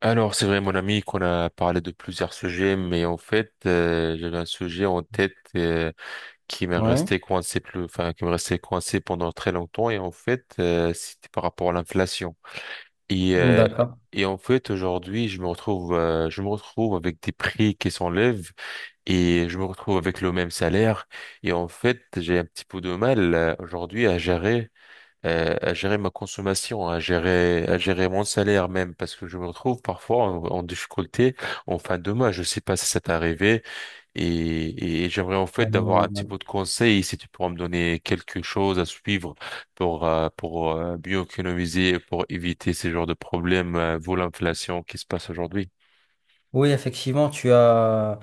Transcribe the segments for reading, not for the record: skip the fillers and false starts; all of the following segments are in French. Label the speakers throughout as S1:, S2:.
S1: Alors, c'est vrai, mon ami, qu'on a parlé de plusieurs sujets, mais en fait, j'avais un sujet en tête qui m'est
S2: Ouais,
S1: resté coincé plus, enfin, qui me restait coincé pendant très longtemps, et en fait, c'était par rapport à l'inflation. Et, euh,
S2: d'accord.
S1: et en fait, aujourd'hui, je me retrouve avec des prix qui s'enlèvent, et je me retrouve avec le même salaire, et en fait, j'ai un petit peu de mal aujourd'hui à gérer ma consommation, à gérer mon salaire même, parce que je me retrouve parfois en difficulté en fin de mois. Je sais pas si ça t'est arrivé et j'aimerais en fait d'avoir
S2: Euh,
S1: un petit peu de conseils si tu pourras me donner quelque chose à suivre pour mieux économiser, et pour éviter ces genres de problèmes, vu l'inflation qui se passe aujourd'hui.
S2: Oui, effectivement,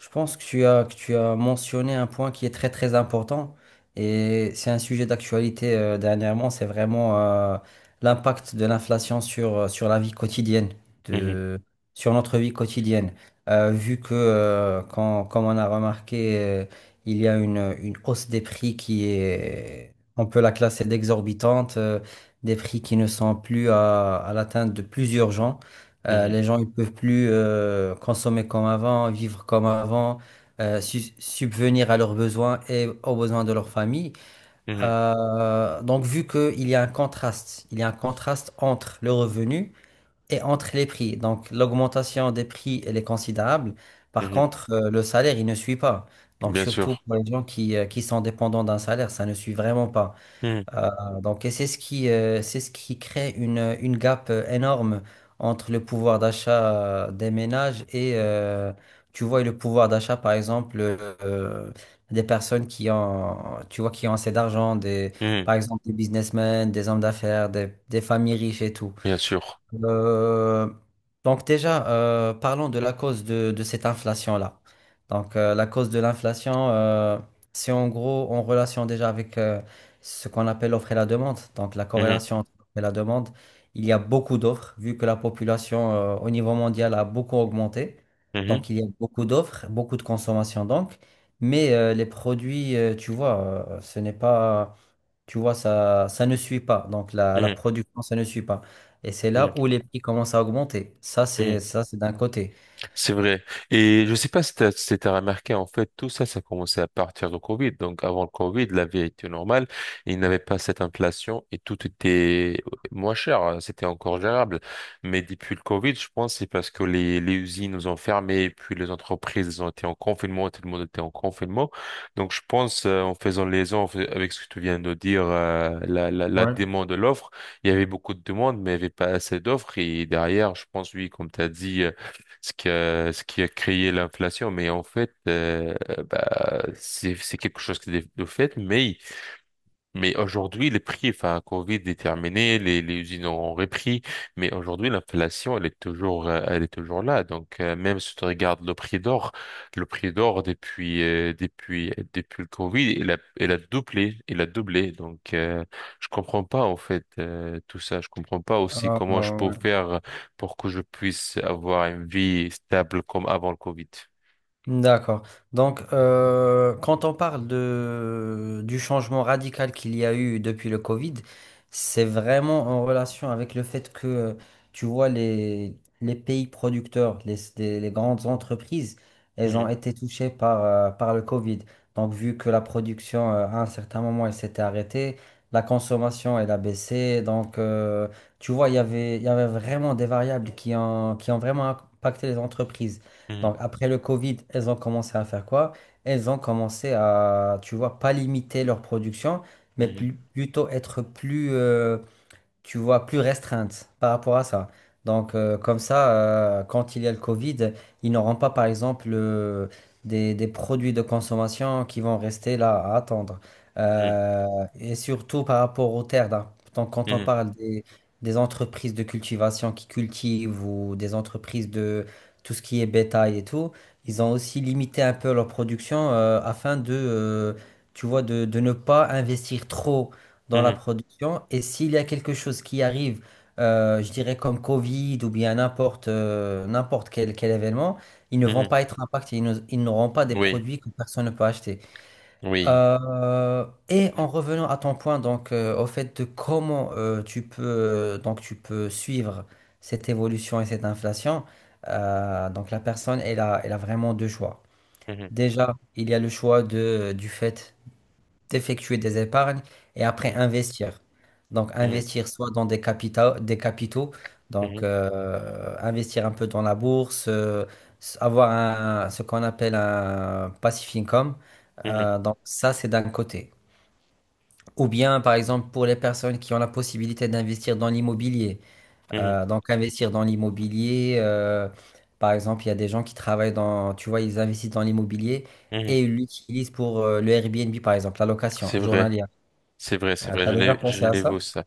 S2: je pense que que tu as mentionné un point qui est très très important et c'est un sujet d'actualité dernièrement, c'est vraiment l'impact de l'inflation sur la vie quotidienne,
S1: Mhm,
S2: de, sur notre vie quotidienne. Vu que, comme on a remarqué, il y a une hausse des prix qui est, on peut la classer d'exorbitante, des prix qui ne sont plus à l'atteinte de plusieurs gens.
S1: mhm,
S2: Les gens, ils peuvent plus consommer comme avant, vivre comme avant, subvenir à leurs besoins et aux besoins de leur famille.
S1: mhm,
S2: Donc, vu qu'il y a un contraste, il y a un contraste entre le revenu et entre les prix. Donc, l'augmentation des prix, elle est considérable. Par
S1: mhm.
S2: contre, le salaire, il ne suit pas. Donc,
S1: Bien
S2: surtout
S1: sûr.
S2: pour les gens qui sont dépendants d'un salaire, ça ne suit vraiment pas.
S1: Mhm,
S2: Donc, et c'est ce c'est ce qui crée une gap énorme entre le pouvoir d'achat des ménages tu vois, et le pouvoir d'achat, par exemple, des personnes qui ont, tu vois, qui ont assez d'argent, des,
S1: mhm,
S2: par exemple, des businessmen, des hommes d'affaires, des familles riches et tout.
S1: Bien sûr.
S2: Euh, donc déjà, parlons de la cause de cette inflation-là. Donc la cause de l'inflation, c'est en gros en relation déjà avec ce qu'on appelle l'offre et la demande. Donc la
S1: Mhm,
S2: corrélation entre l'offre et la demande, il y a beaucoup d'offres, vu que la population au niveau mondial a beaucoup augmenté.
S1: mhm,
S2: Donc il y a beaucoup d'offres, beaucoup de consommation donc. Mais les produits, tu vois, ce n'est pas, tu vois, ça ne suit pas. Donc la
S1: mhm,
S2: production, ça ne suit pas. Et c'est
S1: mhm,
S2: là où les prix commencent à augmenter. Ça,
S1: mhm.
S2: c'est ça, c'est d'un côté.
S1: C'est vrai. Et je sais pas si t'as remarqué, en fait, tout ça, ça commençait à partir du Covid. Donc, avant le Covid, la vie était normale. Il n'y avait pas cette inflation et tout était moins cher. C'était encore gérable. Mais depuis le Covid, je pense, que c'est parce que les usines nous ont fermé et puis les entreprises ont été en confinement, tout le monde était en confinement. Donc, je pense, en faisant les liaison en avec ce que tu viens de dire, euh, la
S2: Ouais.
S1: demande de l'offre, il y avait beaucoup de demandes, mais il n'y avait pas assez d'offres. Et derrière, je pense, oui, comme tu as dit, ce qui a créé l'inflation. Mais en fait, bah, c'est quelque chose qui est de fait, mais aujourd'hui, les prix, enfin, Covid est terminé, les usines ont repris, mais aujourd'hui, l'inflation, elle est toujours là. Donc, même si tu regardes le prix d'or, le prix d'or depuis le Covid, il a doublé. Donc, je comprends pas, en fait, tout ça. Je comprends pas aussi
S2: Euh,
S1: comment je peux
S2: euh,
S1: faire pour que je puisse avoir une vie stable comme avant le Covid.
S2: D'accord. Donc, quand on parle du changement radical qu'il y a eu depuis le Covid, c'est vraiment en relation avec le fait que, tu vois, les pays producteurs, les grandes entreprises, elles ont
S1: Mhm,
S2: été touchées par le Covid. Donc, vu que la production, à un certain moment, elle s'était arrêtée, la consommation, elle a baissé. Donc, tu vois, il y avait vraiment des variables qui ont vraiment impacté les entreprises.
S1: mhm,
S2: Donc après le Covid, elles ont commencé à faire quoi? Elles ont commencé à, tu vois, pas limiter leur production, mais plutôt être plus, tu vois, plus restreinte par rapport à ça. Donc, comme ça, quand il y a le Covid, ils n'auront pas, par exemple, des produits de consommation qui vont rester là à attendre.
S1: mhm,
S2: Euh, et surtout par rapport aux terres, là. Donc, quand on
S1: mhm,
S2: parle des entreprises de cultivation qui cultivent ou des entreprises de tout ce qui est bétail et tout, ils ont aussi limité un peu leur production afin de tu vois, de ne pas investir trop dans la
S1: mhm,
S2: production. Et s'il y a quelque chose qui arrive, je dirais comme Covid ou bien n'importe quel événement, ils ne
S1: mhm,
S2: vont
S1: mhm.
S2: pas être impactés, ils n'auront pas des
S1: Oui,
S2: produits que personne ne peut acheter.
S1: oui.
S2: Et en revenant à ton point, donc au fait de comment tu peux donc tu peux suivre cette évolution et cette inflation, donc la personne elle a vraiment deux choix.
S1: Mhm,
S2: Déjà, il y a le choix du fait effectuer des épargnes et après
S1: mhm.
S2: investir. Donc
S1: Mhm,
S2: investir soit dans des capitaux,
S1: mhm,
S2: investir un peu dans la bourse, ce qu'on appelle un passive income.
S1: mhm,
S2: Donc ça, c'est d'un côté. Ou bien, par exemple, pour les personnes qui ont la possibilité d'investir dans l'immobilier.
S1: mhm,
S2: Donc investir dans l'immobilier, par exemple, il y a des gens qui travaillent dans, tu vois, ils investissent dans l'immobilier
S1: mhm.
S2: et ils l'utilisent pour le Airbnb, par exemple, la location
S1: C'est vrai,
S2: journalière.
S1: c'est vrai, c'est
S2: Ah,
S1: vrai,
S2: t'as déjà
S1: Genève,
S2: pensé à ça?
S1: Genève, ça.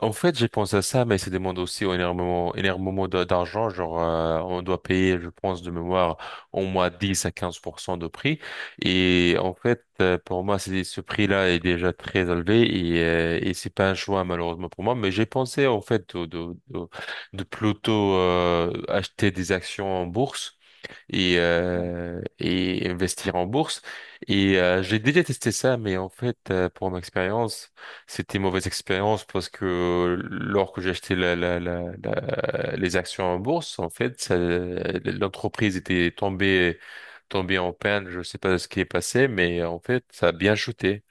S1: En fait, j'ai pensé à ça, mais ça demande aussi énormément, énormément d'a- d'argent. Genre, on doit payer, je pense, de mémoire, au moins 10 à 15% de prix. Et en fait, pour moi, c'est, ce prix-là est déjà très élevé et c'est pas un choix, malheureusement, pour moi. Mais j'ai pensé, en fait, de plutôt, acheter des actions en bourse. Et, et investir en bourse. Et j'ai déjà testé ça, mais en fait, pour mon expérience, c'était une mauvaise expérience parce que lors que j'ai acheté les actions en bourse, en fait, ça- l'entreprise était tombée en panne. Je sais pas ce qui est passé, mais en fait, ça a bien chuté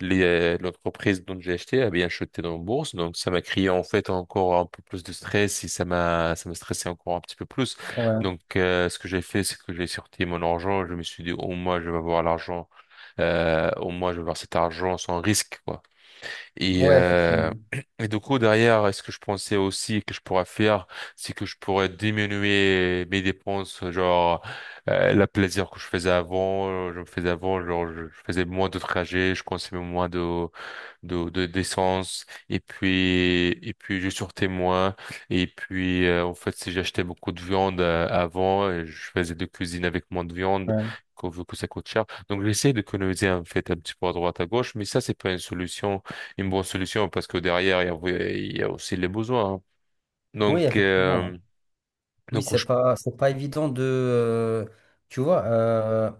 S1: les, l'entreprise dont j'ai acheté a bien chuté dans la bourse, donc ça m'a créé en fait encore un peu plus de stress et ça m'a stressé encore un petit peu plus.
S2: Ouais,
S1: Donc ce que j'ai fait, c'est que j'ai sorti mon argent, je me suis dit au moins je vais avoir l'argent, au moins je vais avoir cet argent sans risque quoi. Et,
S2: ouais,
S1: euh,
S2: effectivement.
S1: et du coup, derrière, ce que je pensais aussi que je pourrais faire, c'est que je pourrais diminuer mes dépenses, genre la plaisir que je faisais avant, je me faisais avant, genre je faisais moins de trajets, je consommais moins de de d'essence et puis je sortais moins et puis en fait si j'achetais beaucoup de viande avant et je faisais de cuisine avec moins de viande
S2: Ouais.
S1: qu'on veut que ça coûte cher donc j'essaie d'économiser en fait un petit peu à droite à gauche mais ça c'est pas une solution une bonne solution parce que derrière il y a, oui, il y a aussi les besoins hein.
S2: Oui,
S1: Donc
S2: effectivement. Oui,
S1: donc je...
S2: c'est pas évident de, tu vois,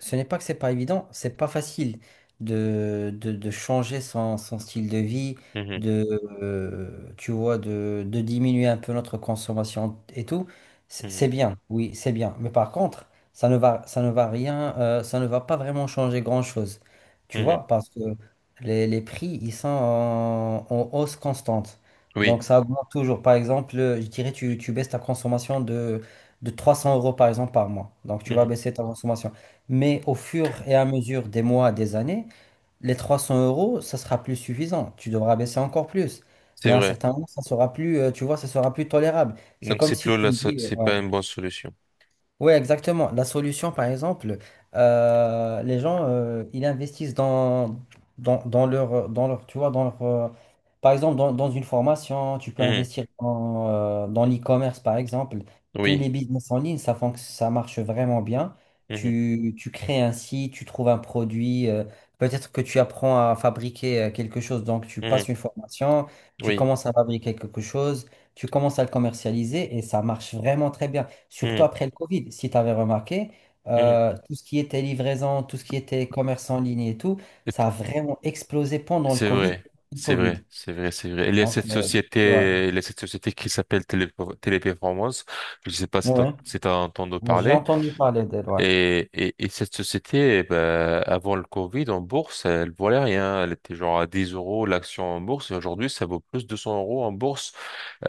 S2: Ce n'est pas que c'est pas évident, c'est pas facile de de changer son style de vie,
S1: Mhm,
S2: de, tu vois, de diminuer un peu notre consommation et tout.
S1: mhm,
S2: C'est bien, oui, c'est bien. Mais par contre, ça ne va rien, ça ne va pas vraiment changer grand-chose. Tu
S1: mhm.
S2: vois, parce que les prix, ils sont en hausse constante.
S1: Oui,
S2: Donc ça augmente toujours. Par exemple, je dirais, tu baisses ta consommation de 300 euros, par exemple, par mois. Donc tu vas
S1: mhm.
S2: baisser ta consommation. Mais au fur et à mesure des mois, des années, les 300 euros, ça sera plus suffisant. Tu devras baisser encore plus.
S1: C'est
S2: Mais à un
S1: vrai.
S2: certain moment, ça sera plus, tu vois, ça sera plus tolérable. C'est
S1: Donc
S2: comme
S1: c'est
S2: si
S1: plus
S2: tu
S1: là
S2: me dis,
S1: c'est
S2: ouais.
S1: pas une bonne solution.
S2: Oui, exactement. La solution, par exemple, les gens, ils investissent dans leur, tu vois, dans leur, par exemple, dans une formation, tu peux
S1: Mhm.
S2: investir dans, dans l'e-commerce, par exemple. Tous
S1: Oui.
S2: les business en ligne, ça, ça marche vraiment bien.
S1: Mhm,
S2: Tu crées un site, tu trouves un produit, peut-être que tu apprends à fabriquer quelque chose, donc tu
S1: mhm.
S2: passes une formation, tu
S1: Oui.
S2: commences à fabriquer quelque chose, tu commences à le commercialiser et ça marche vraiment très bien. Surtout
S1: Mhm,
S2: après le Covid, si tu avais remarqué,
S1: mhm.
S2: tout ce qui était livraison, tout ce qui était commerce en ligne et tout,
S1: Et-
S2: ça a vraiment explosé pendant le
S1: C'est
S2: Covid.
S1: vrai,
S2: Le
S1: c'est
S2: Covid.
S1: vrai, c'est vrai, c'est vrai. Il y a
S2: Donc,
S1: cette
S2: ouais.
S1: société, il y a cette société qui s'appelle Télé- Téléperformance. Je ne sais pas si
S2: Ouais.
S1: tu as entendu
S2: J'ai
S1: parler.
S2: entendu parler d'elle, ouais.
S1: Et cette société, eh ben, avant le Covid, en bourse, elle valait rien. Elle était genre à 10 euros l'action en bourse. Et aujourd'hui, ça vaut plus de 200 euros en bourse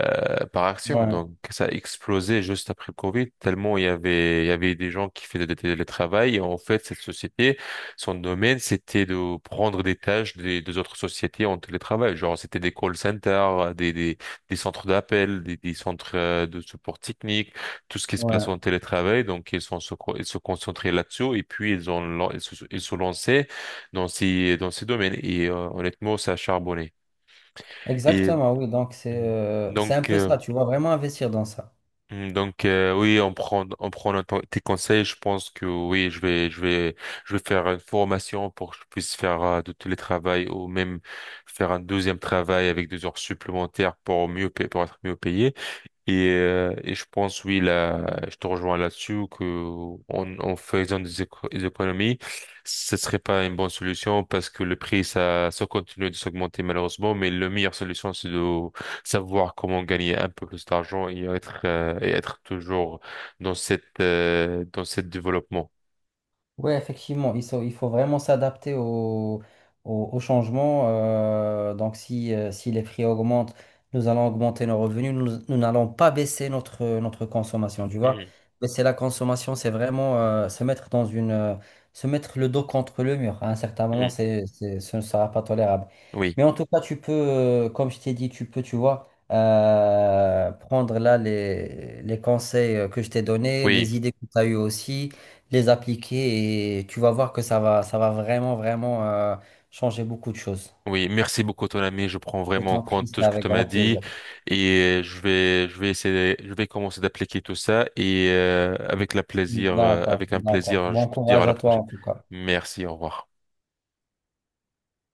S1: par action.
S2: Ouais,
S1: Donc, ça a explosé juste après le Covid, tellement il y avait des gens qui faisaient des télétravail. Et en fait, cette société, son domaine, c'était de prendre des tâches des autres sociétés en télétravail. Genre, c'était des call centers, des centres d'appel, des centres de support technique, tout ce qui se passe
S2: ouais.
S1: en télétravail. Donc, ils sont, se co- ils se concentraient là-dessus et puis ils ont, lan- ils se lançaient dans ces domaines. Et honnêtement, ça a charbonné. Et
S2: Exactement, oui. Donc, c'est un
S1: donc,
S2: peu ça, tu vois, vraiment investir dans ça.
S1: Hmm, Donc oui, on prend notre- tes conseils. Je pense que oui, je vais faire une formation pour que je puisse faire de télétravail ou même faire un deuxième travail avec 2 heures supplémentaires pour mieux pa- pour être mieux payé. Et je pense, oui, là, je te rejoins là-dessus, que en faisant des, éco- des économies, ce serait pas une bonne solution parce que le prix, ça continue de s'augmenter malheureusement, mais la meilleure solution, c'est de savoir comment gagner un peu plus d'argent et être toujours dans cette développement.
S2: Oui, effectivement, il faut vraiment s'adapter au changement. Donc, si les prix augmentent, nous allons augmenter nos revenus. Nous, nous n'allons pas baisser notre consommation, tu vois.
S1: Mhm.
S2: Mais c'est la consommation, c'est vraiment se mettre dans une, se mettre le dos contre le mur. À un certain moment,
S1: Mhm.
S2: ce ne sera pas tolérable.
S1: Oui,
S2: Mais en tout cas, tu peux, comme je t'ai dit, tu peux, tu vois, prendre là les conseils que je t'ai donnés,
S1: oui.
S2: les idées que tu as eues aussi les appliquer et tu vas voir que ça va vraiment, vraiment changer beaucoup de choses.
S1: Oui, merci beaucoup ton ami. Je prends
S2: Je
S1: vraiment en
S2: t'en prie,
S1: compte tout
S2: c'est
S1: ce que
S2: avec
S1: tu m'as
S2: grand
S1: dit
S2: plaisir.
S1: et je vais essayer, je vais commencer d'appliquer tout ça et avec la plaisir,
S2: D'accord,
S1: avec un
S2: d'accord.
S1: plaisir, je
S2: Bon
S1: peux te dire à
S2: courage
S1: la
S2: à toi
S1: prochaine.
S2: en tout cas.
S1: Merci, au revoir.